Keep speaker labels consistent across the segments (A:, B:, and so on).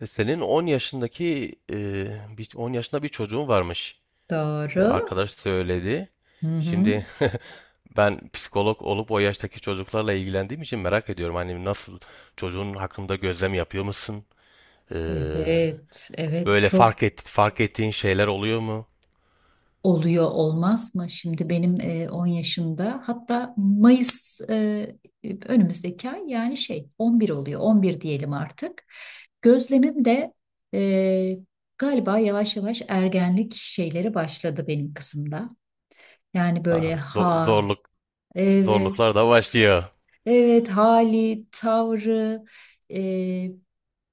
A: Senin 10 yaşındaki 10 yaşında bir çocuğun varmış.
B: Doğru.
A: Arkadaş söyledi.
B: Hı hı.
A: Şimdi ben psikolog olup o yaştaki çocuklarla ilgilendiğim için merak ediyorum. Hani nasıl çocuğun hakkında gözlem yapıyor musun? E,
B: Evet, evet
A: Böyle
B: çok
A: fark ettiğin şeyler oluyor mu?
B: oluyor olmaz mı? Şimdi benim 10 yaşında, hatta Mayıs, önümüzdeki ay, yani şey 11 oluyor, 11 diyelim artık. Gözlemim de e, galiba yavaş yavaş ergenlik şeyleri başladı benim kızımda. Yani
A: Aa,
B: böyle ha,
A: zorluk
B: evet.
A: zorluklar da başlıyor.
B: Evet, hali, tavrı, e,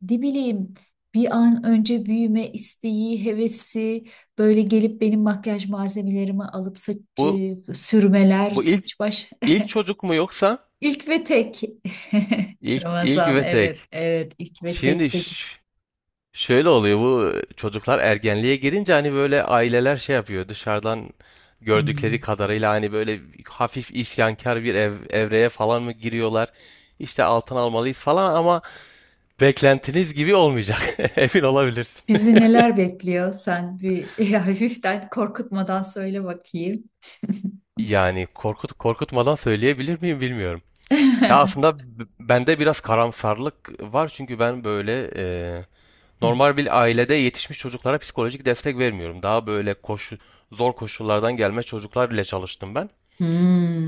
B: ne bileyim, bir an önce büyüme isteği, hevesi, böyle gelip benim makyaj malzemelerimi alıp saç,
A: Bu
B: sürmeler,
A: ilk
B: saç baş.
A: ilk çocuk mu yoksa
B: İlk ve tek.
A: ilk ilk
B: Ramazan,
A: ve tek.
B: evet evet, ilk ve tek
A: Şimdi
B: çocuk.
A: şöyle oluyor, bu çocuklar ergenliğe girince hani böyle aileler şey yapıyor, dışarıdan gördükleri
B: Hmm.
A: kadarıyla hani böyle hafif isyankar bir evreye falan mı giriyorlar? İşte altın almalıyız falan ama beklentiniz gibi olmayacak. Emin olabilirsin.
B: Bizi neler bekliyor? Sen bir hafiften korkutmadan söyle bakayım.
A: Yani korkut korkutmadan söyleyebilir miyim bilmiyorum. Ya aslında bende biraz karamsarlık var çünkü ben böyle normal bir ailede yetişmiş çocuklara psikolojik destek vermiyorum. Daha böyle zor koşullardan gelme çocuklar ile çalıştım ben.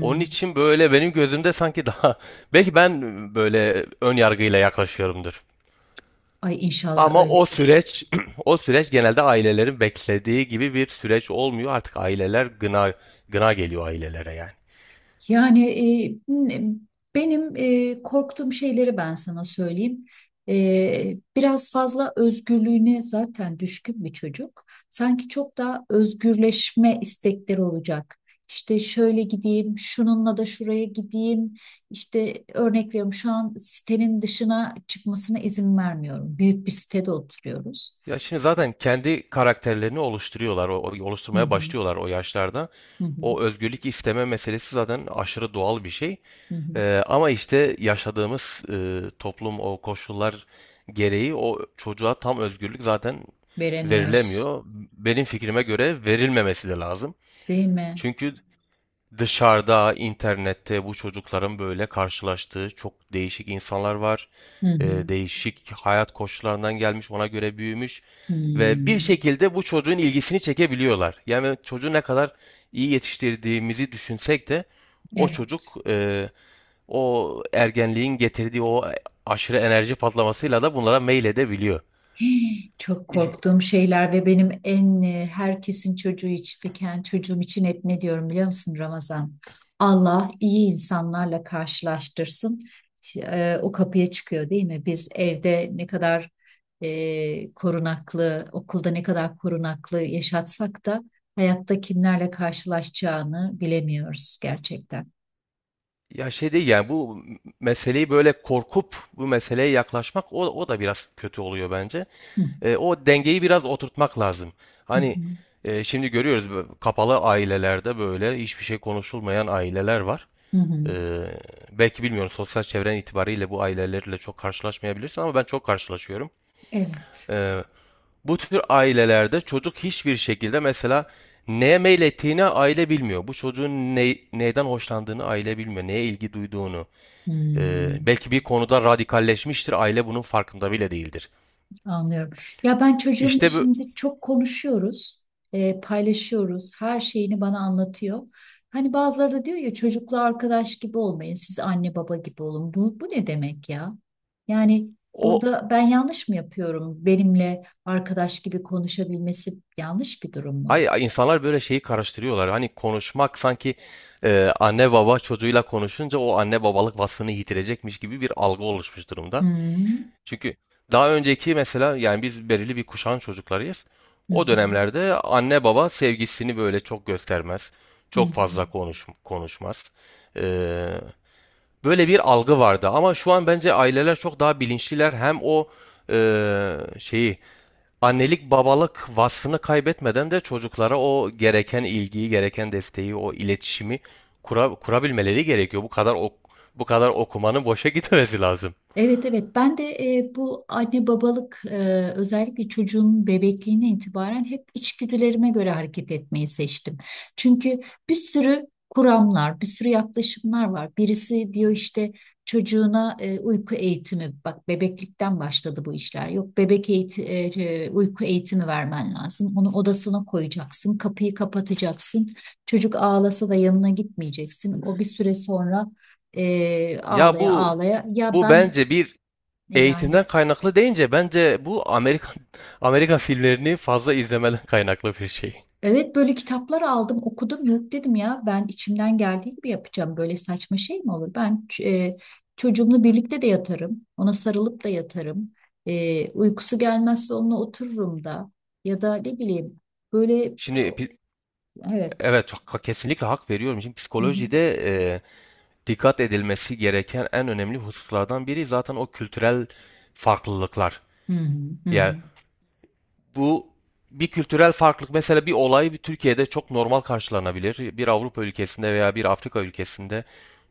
A: Onun için böyle benim gözümde sanki daha belki ben böyle ön yargıyla yaklaşıyorumdur.
B: Ay inşallah
A: Ama o
B: öyledir.
A: süreç o süreç genelde ailelerin beklediği gibi bir süreç olmuyor. Artık aileler gına geliyor ailelere yani.
B: Yani e, benim korktuğum şeyleri ben sana söyleyeyim. Biraz fazla özgürlüğüne zaten düşkün bir çocuk. Sanki çok daha özgürleşme istekleri olacak. İşte şöyle gideyim, şununla da şuraya gideyim. İşte örnek veriyorum, şu an sitenin dışına çıkmasına izin vermiyorum. Büyük bir sitede oturuyoruz.
A: Ya şimdi zaten kendi karakterlerini oluşturuyorlar,
B: Hı
A: oluşturmaya
B: hı,
A: başlıyorlar o yaşlarda.
B: hı hı,
A: O özgürlük isteme meselesi zaten aşırı doğal bir şey.
B: hı hı.
A: Ama işte yaşadığımız toplum o koşullar gereği o çocuğa tam özgürlük zaten
B: Veremiyoruz,
A: verilemiyor. Benim fikrime göre verilmemesi de lazım.
B: değil mi?
A: Çünkü dışarıda, internette bu çocukların böyle karşılaştığı çok değişik insanlar var.
B: Hı hı.
A: Değişik hayat koşullarından gelmiş, ona göre büyümüş ve bir
B: Hmm.
A: şekilde bu çocuğun ilgisini çekebiliyorlar. Yani çocuğu ne kadar iyi yetiştirdiğimizi düşünsek de o çocuk
B: Evet.
A: o ergenliğin getirdiği o aşırı enerji patlamasıyla da bunlara meyledebiliyor.
B: Çok
A: İş-
B: korktuğum şeyler ve benim en herkesin çocuğu için, fiken çocuğum için hep ne diyorum biliyor musun Ramazan? Allah iyi insanlarla karşılaştırsın. O kapıya çıkıyor, değil mi? Biz evde ne kadar korunaklı, okulda ne kadar korunaklı yaşatsak da hayatta kimlerle karşılaşacağını bilemiyoruz gerçekten.
A: Ya şey değil yani bu meseleyi böyle korkup bu meseleye yaklaşmak o da biraz kötü oluyor bence.
B: Hı,
A: O dengeyi biraz oturtmak lazım.
B: hı,
A: Hani
B: hı,
A: şimdi görüyoruz, bu kapalı ailelerde böyle hiçbir şey konuşulmayan aileler var.
B: hı, hı.
A: E, belki bilmiyorum, sosyal çevren itibariyle bu ailelerle çok karşılaşmayabilirsin ama ben çok karşılaşıyorum.
B: Evet.
A: E, bu tür ailelerde çocuk hiçbir şekilde mesela neye meylettiğini aile bilmiyor. Bu çocuğun neyden hoşlandığını aile bilmiyor. Neye ilgi duyduğunu.
B: Hmm.
A: Belki bir konuda radikalleşmiştir. Aile bunun farkında bile değildir.
B: Anlıyorum. Ya ben çocuğumla
A: İşte bu
B: şimdi çok konuşuyoruz, paylaşıyoruz, her şeyini bana anlatıyor. Hani bazıları da diyor ya çocukla arkadaş gibi olmayın, siz anne baba gibi olun. Bu ne demek ya? Yani
A: o
B: burada ben yanlış mı yapıyorum? Benimle arkadaş gibi konuşabilmesi yanlış bir durum mu?
A: hayır, insanlar böyle şeyi karıştırıyorlar. Hani konuşmak sanki anne baba çocuğuyla konuşunca o anne babalık vasfını yitirecekmiş gibi bir algı oluşmuş
B: Hı
A: durumda.
B: hı,
A: Çünkü daha önceki mesela yani biz belirli bir kuşağın çocuklarıyız.
B: hı
A: O
B: hı,
A: dönemlerde anne baba sevgisini böyle çok göstermez.
B: hı
A: Çok
B: hı.
A: fazla konuşmaz. E, böyle bir algı vardı ama şu an bence aileler çok daha bilinçliler. Hem o e, şeyi annelik babalık vasfını kaybetmeden de çocuklara o gereken ilgiyi, gereken desteği, o iletişimi kurabilmeleri gerekiyor. Bu kadar bu kadar okumanın boşa gitmesi lazım.
B: Evet evet, ben de bu anne babalık, özellikle çocuğumun bebekliğine itibaren hep içgüdülerime göre hareket etmeyi seçtim. Çünkü bir sürü kuramlar, bir sürü yaklaşımlar var. Birisi diyor işte çocuğuna uyku eğitimi, bak bebeklikten başladı bu işler. Yok bebek eğiti, e, e, uyku eğitimi vermen lazım. Onu odasına koyacaksın, kapıyı kapatacaksın. Çocuk ağlasa da yanına gitmeyeceksin. O bir süre sonra
A: Ya
B: ağlaya
A: bu
B: ağlaya ya
A: bu
B: ben
A: bence bir
B: yani.
A: eğitimden kaynaklı deyince bence bu Amerikan Amerikan filmlerini fazla izlemeden kaynaklı bir şey.
B: Evet, böyle kitaplar aldım okudum, yok dedim ya ben içimden geldiği gibi yapacağım, böyle saçma şey mi olur? Ben çocuğumla birlikte de yatarım, ona sarılıp da yatarım. Uykusu gelmezse onunla otururum da, ya da ne bileyim, böyle
A: Şimdi
B: evet.
A: evet çok kesinlikle hak veriyorum. Şimdi
B: Hı hı.
A: psikolojide dikkat edilmesi gereken en önemli hususlardan biri zaten o kültürel farklılıklar.
B: Hı hı. Hı hı.
A: Yani bu bir kültürel farklılık, mesela bir olay bir Türkiye'de çok normal karşılanabilir. Bir Avrupa ülkesinde veya bir Afrika ülkesinde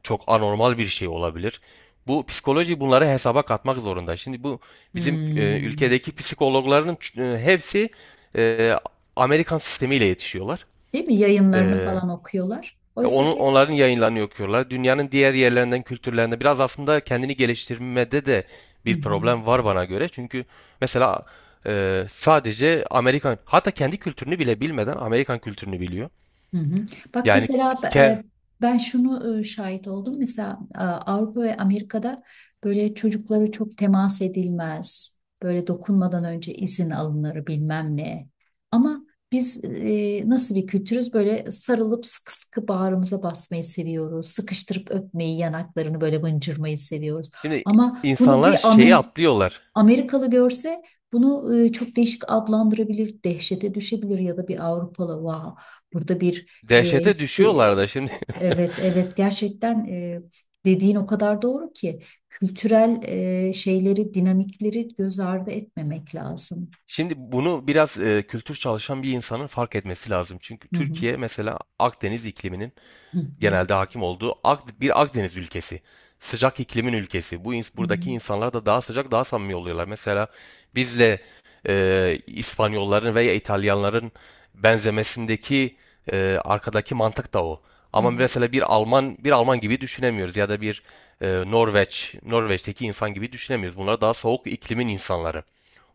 A: çok anormal bir şey olabilir. Bu psikoloji bunları hesaba katmak zorunda. Şimdi bu bizim
B: Hmm.
A: ülkedeki psikologların hepsi e, Amerikan sistemiyle yetişiyorlar.
B: Değil mi, yayınlarını
A: E,
B: falan okuyorlar. Oysa
A: Onun,
B: ki.
A: onların yayınlarını okuyorlar. Dünyanın diğer yerlerinden, kültürlerinde biraz aslında kendini geliştirmede de
B: Hı
A: bir
B: hı.
A: problem var bana göre. Çünkü mesela sadece Amerikan, hatta kendi kültürünü bile bilmeden Amerikan kültürünü biliyor.
B: Hı hı. Bak
A: Yani
B: mesela
A: ke,
B: ben şunu şahit oldum. Mesela Avrupa ve Amerika'da böyle çocuklara çok temas edilmez. Böyle dokunmadan önce izin alınır bilmem ne. Ama biz nasıl bir kültürüz? Böyle sarılıp sıkı sıkı bağrımıza basmayı seviyoruz. Sıkıştırıp öpmeyi, yanaklarını böyle mıncırmayı seviyoruz.
A: şimdi
B: Ama bunu
A: insanlar
B: bir
A: şeyi atlıyorlar.
B: Amerikalı görse, bunu çok değişik adlandırabilir, dehşete düşebilir, ya da bir Avrupalı, vah burada bir
A: Dehşete
B: işte
A: düşüyorlar da şimdi.
B: evet evet, gerçekten dediğin o kadar doğru ki kültürel şeyleri, dinamikleri göz ardı etmemek lazım.
A: Şimdi bunu biraz kültür çalışan bir insanın fark etmesi lazım. Çünkü
B: Hı hı,
A: Türkiye mesela Akdeniz ikliminin
B: hı hı,
A: genelde hakim olduğu bir Akdeniz ülkesi. Sıcak iklimin ülkesi.
B: hı hı.
A: Buradaki insanlar da daha sıcak, daha samimi oluyorlar. Mesela bizle İspanyolların veya İtalyanların benzemesindeki arkadaki mantık da o. Ama
B: Evet,
A: mesela bir Alman bir Alman gibi düşünemiyoruz ya da bir Norveç'teki insan gibi düşünemiyoruz. Bunlar daha soğuk iklimin insanları.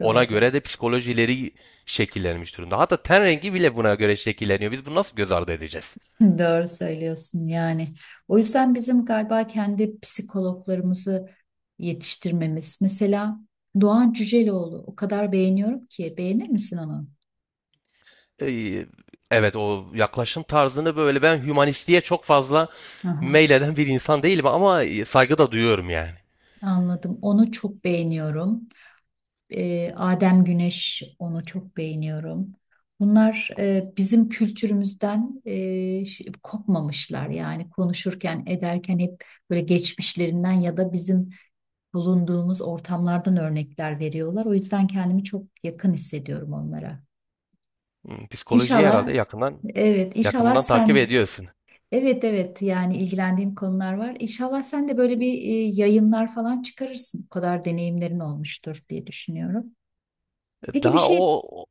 A: Ona
B: doğru.
A: göre de psikolojileri şekillenmiş durumda. Hatta ten rengi bile buna göre şekilleniyor. Biz bunu nasıl göz ardı edeceğiz?
B: Doğru söylüyorsun yani. O yüzden bizim galiba kendi psikologlarımızı yetiştirmemiz. Mesela Doğan Cüceloğlu, o kadar beğeniyorum ki. Beğenir misin onu?
A: Ee, Evet, o yaklaşım tarzını böyle ben hümanistliğe çok fazla
B: Aha.
A: meyleden bir insan değilim ama saygı da duyuyorum yani.
B: Anladım. Onu çok beğeniyorum. Adem Güneş, onu çok beğeniyorum. Bunlar bizim kültürümüzden kopmamışlar. Yani konuşurken ederken hep böyle geçmişlerinden ya da bizim bulunduğumuz ortamlardan örnekler veriyorlar. O yüzden kendimi çok yakın hissediyorum onlara.
A: Hmm, psikolojiyi
B: İnşallah,
A: herhalde yakından
B: evet, inşallah
A: yakından takip
B: sen,
A: ediyorsun.
B: evet evet, yani ilgilendiğim konular var. İnşallah sen de böyle bir yayınlar falan çıkarırsın. O kadar deneyimlerin olmuştur diye düşünüyorum. Peki bir
A: Daha
B: şey
A: o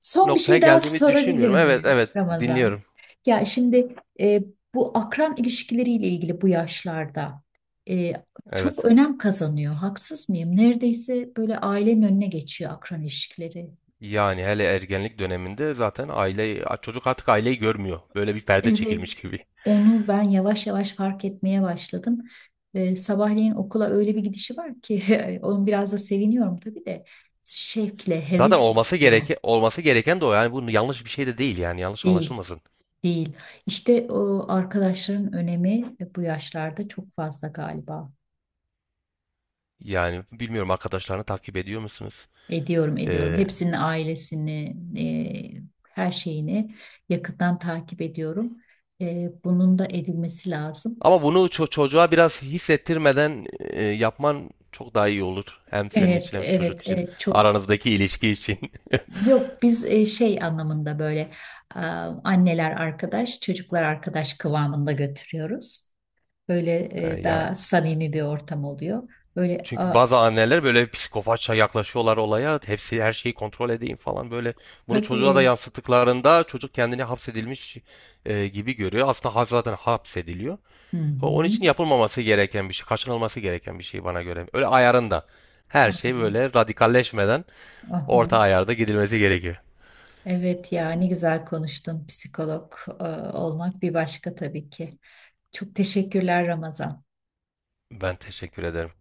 B: Son bir
A: noktaya
B: şey daha
A: geldiğimi
B: sorabilir
A: düşünmüyorum. Evet,
B: miyim
A: evet,
B: Ramazan?
A: dinliyorum.
B: Ya şimdi bu akran ilişkileriyle ilgili bu yaşlarda e, çok
A: Evet.
B: önem kazanıyor. Haksız mıyım? Neredeyse böyle ailenin önüne geçiyor akran ilişkileri.
A: Yani hele ergenlik döneminde zaten aile çocuk artık aileyi görmüyor. Böyle bir perde
B: Evet.
A: çekilmiş gibi.
B: Onu ben yavaş yavaş fark etmeye başladım. Sabahleyin okula öyle bir gidişi var ki onun biraz da seviniyorum tabii de, şevkle,
A: Zaten
B: hevesle gidiyor
A: olması gereken de o. Yani bu yanlış bir şey de değil, yani yanlış
B: değil.
A: anlaşılmasın.
B: Değil. İşte o arkadaşların önemi bu yaşlarda çok fazla galiba.
A: Yani bilmiyorum, arkadaşlarını takip ediyor musunuz?
B: Ediyorum, ediyorum.
A: Ee,
B: Hepsinin ailesini, e, her şeyini yakından takip ediyorum. Bunun da edilmesi lazım.
A: Ama bunu çocuğa biraz hissettirmeden yapman çok daha iyi olur. Hem senin
B: Evet,
A: için hem çocuk
B: evet,
A: için.
B: evet. Çok.
A: Aranızdaki ilişki için.
B: Yok, biz şey anlamında böyle e, anneler arkadaş, çocuklar arkadaş kıvamında götürüyoruz. Böyle
A: Ya.
B: daha samimi bir ortam oluyor. Böyle
A: Çünkü bazı anneler böyle psikopatça yaklaşıyorlar olaya. Hepsi her şeyi kontrol edeyim falan böyle. Bunu çocuğa da
B: tabii.
A: yansıttıklarında çocuk kendini hapsedilmiş gibi görüyor. Aslında zaten hapsediliyor.
B: Hı
A: Onun
B: hı.
A: için yapılmaması gereken bir şey, kaçınılması gereken bir şey bana göre. Öyle ayarında. Her şey
B: Aynen.
A: böyle radikalleşmeden
B: Aha.
A: orta ayarda gidilmesi gerekiyor.
B: Evet ya, ne güzel konuştun. Psikolog olmak bir başka tabii ki. Çok teşekkürler Ramazan.
A: Ben teşekkür ederim.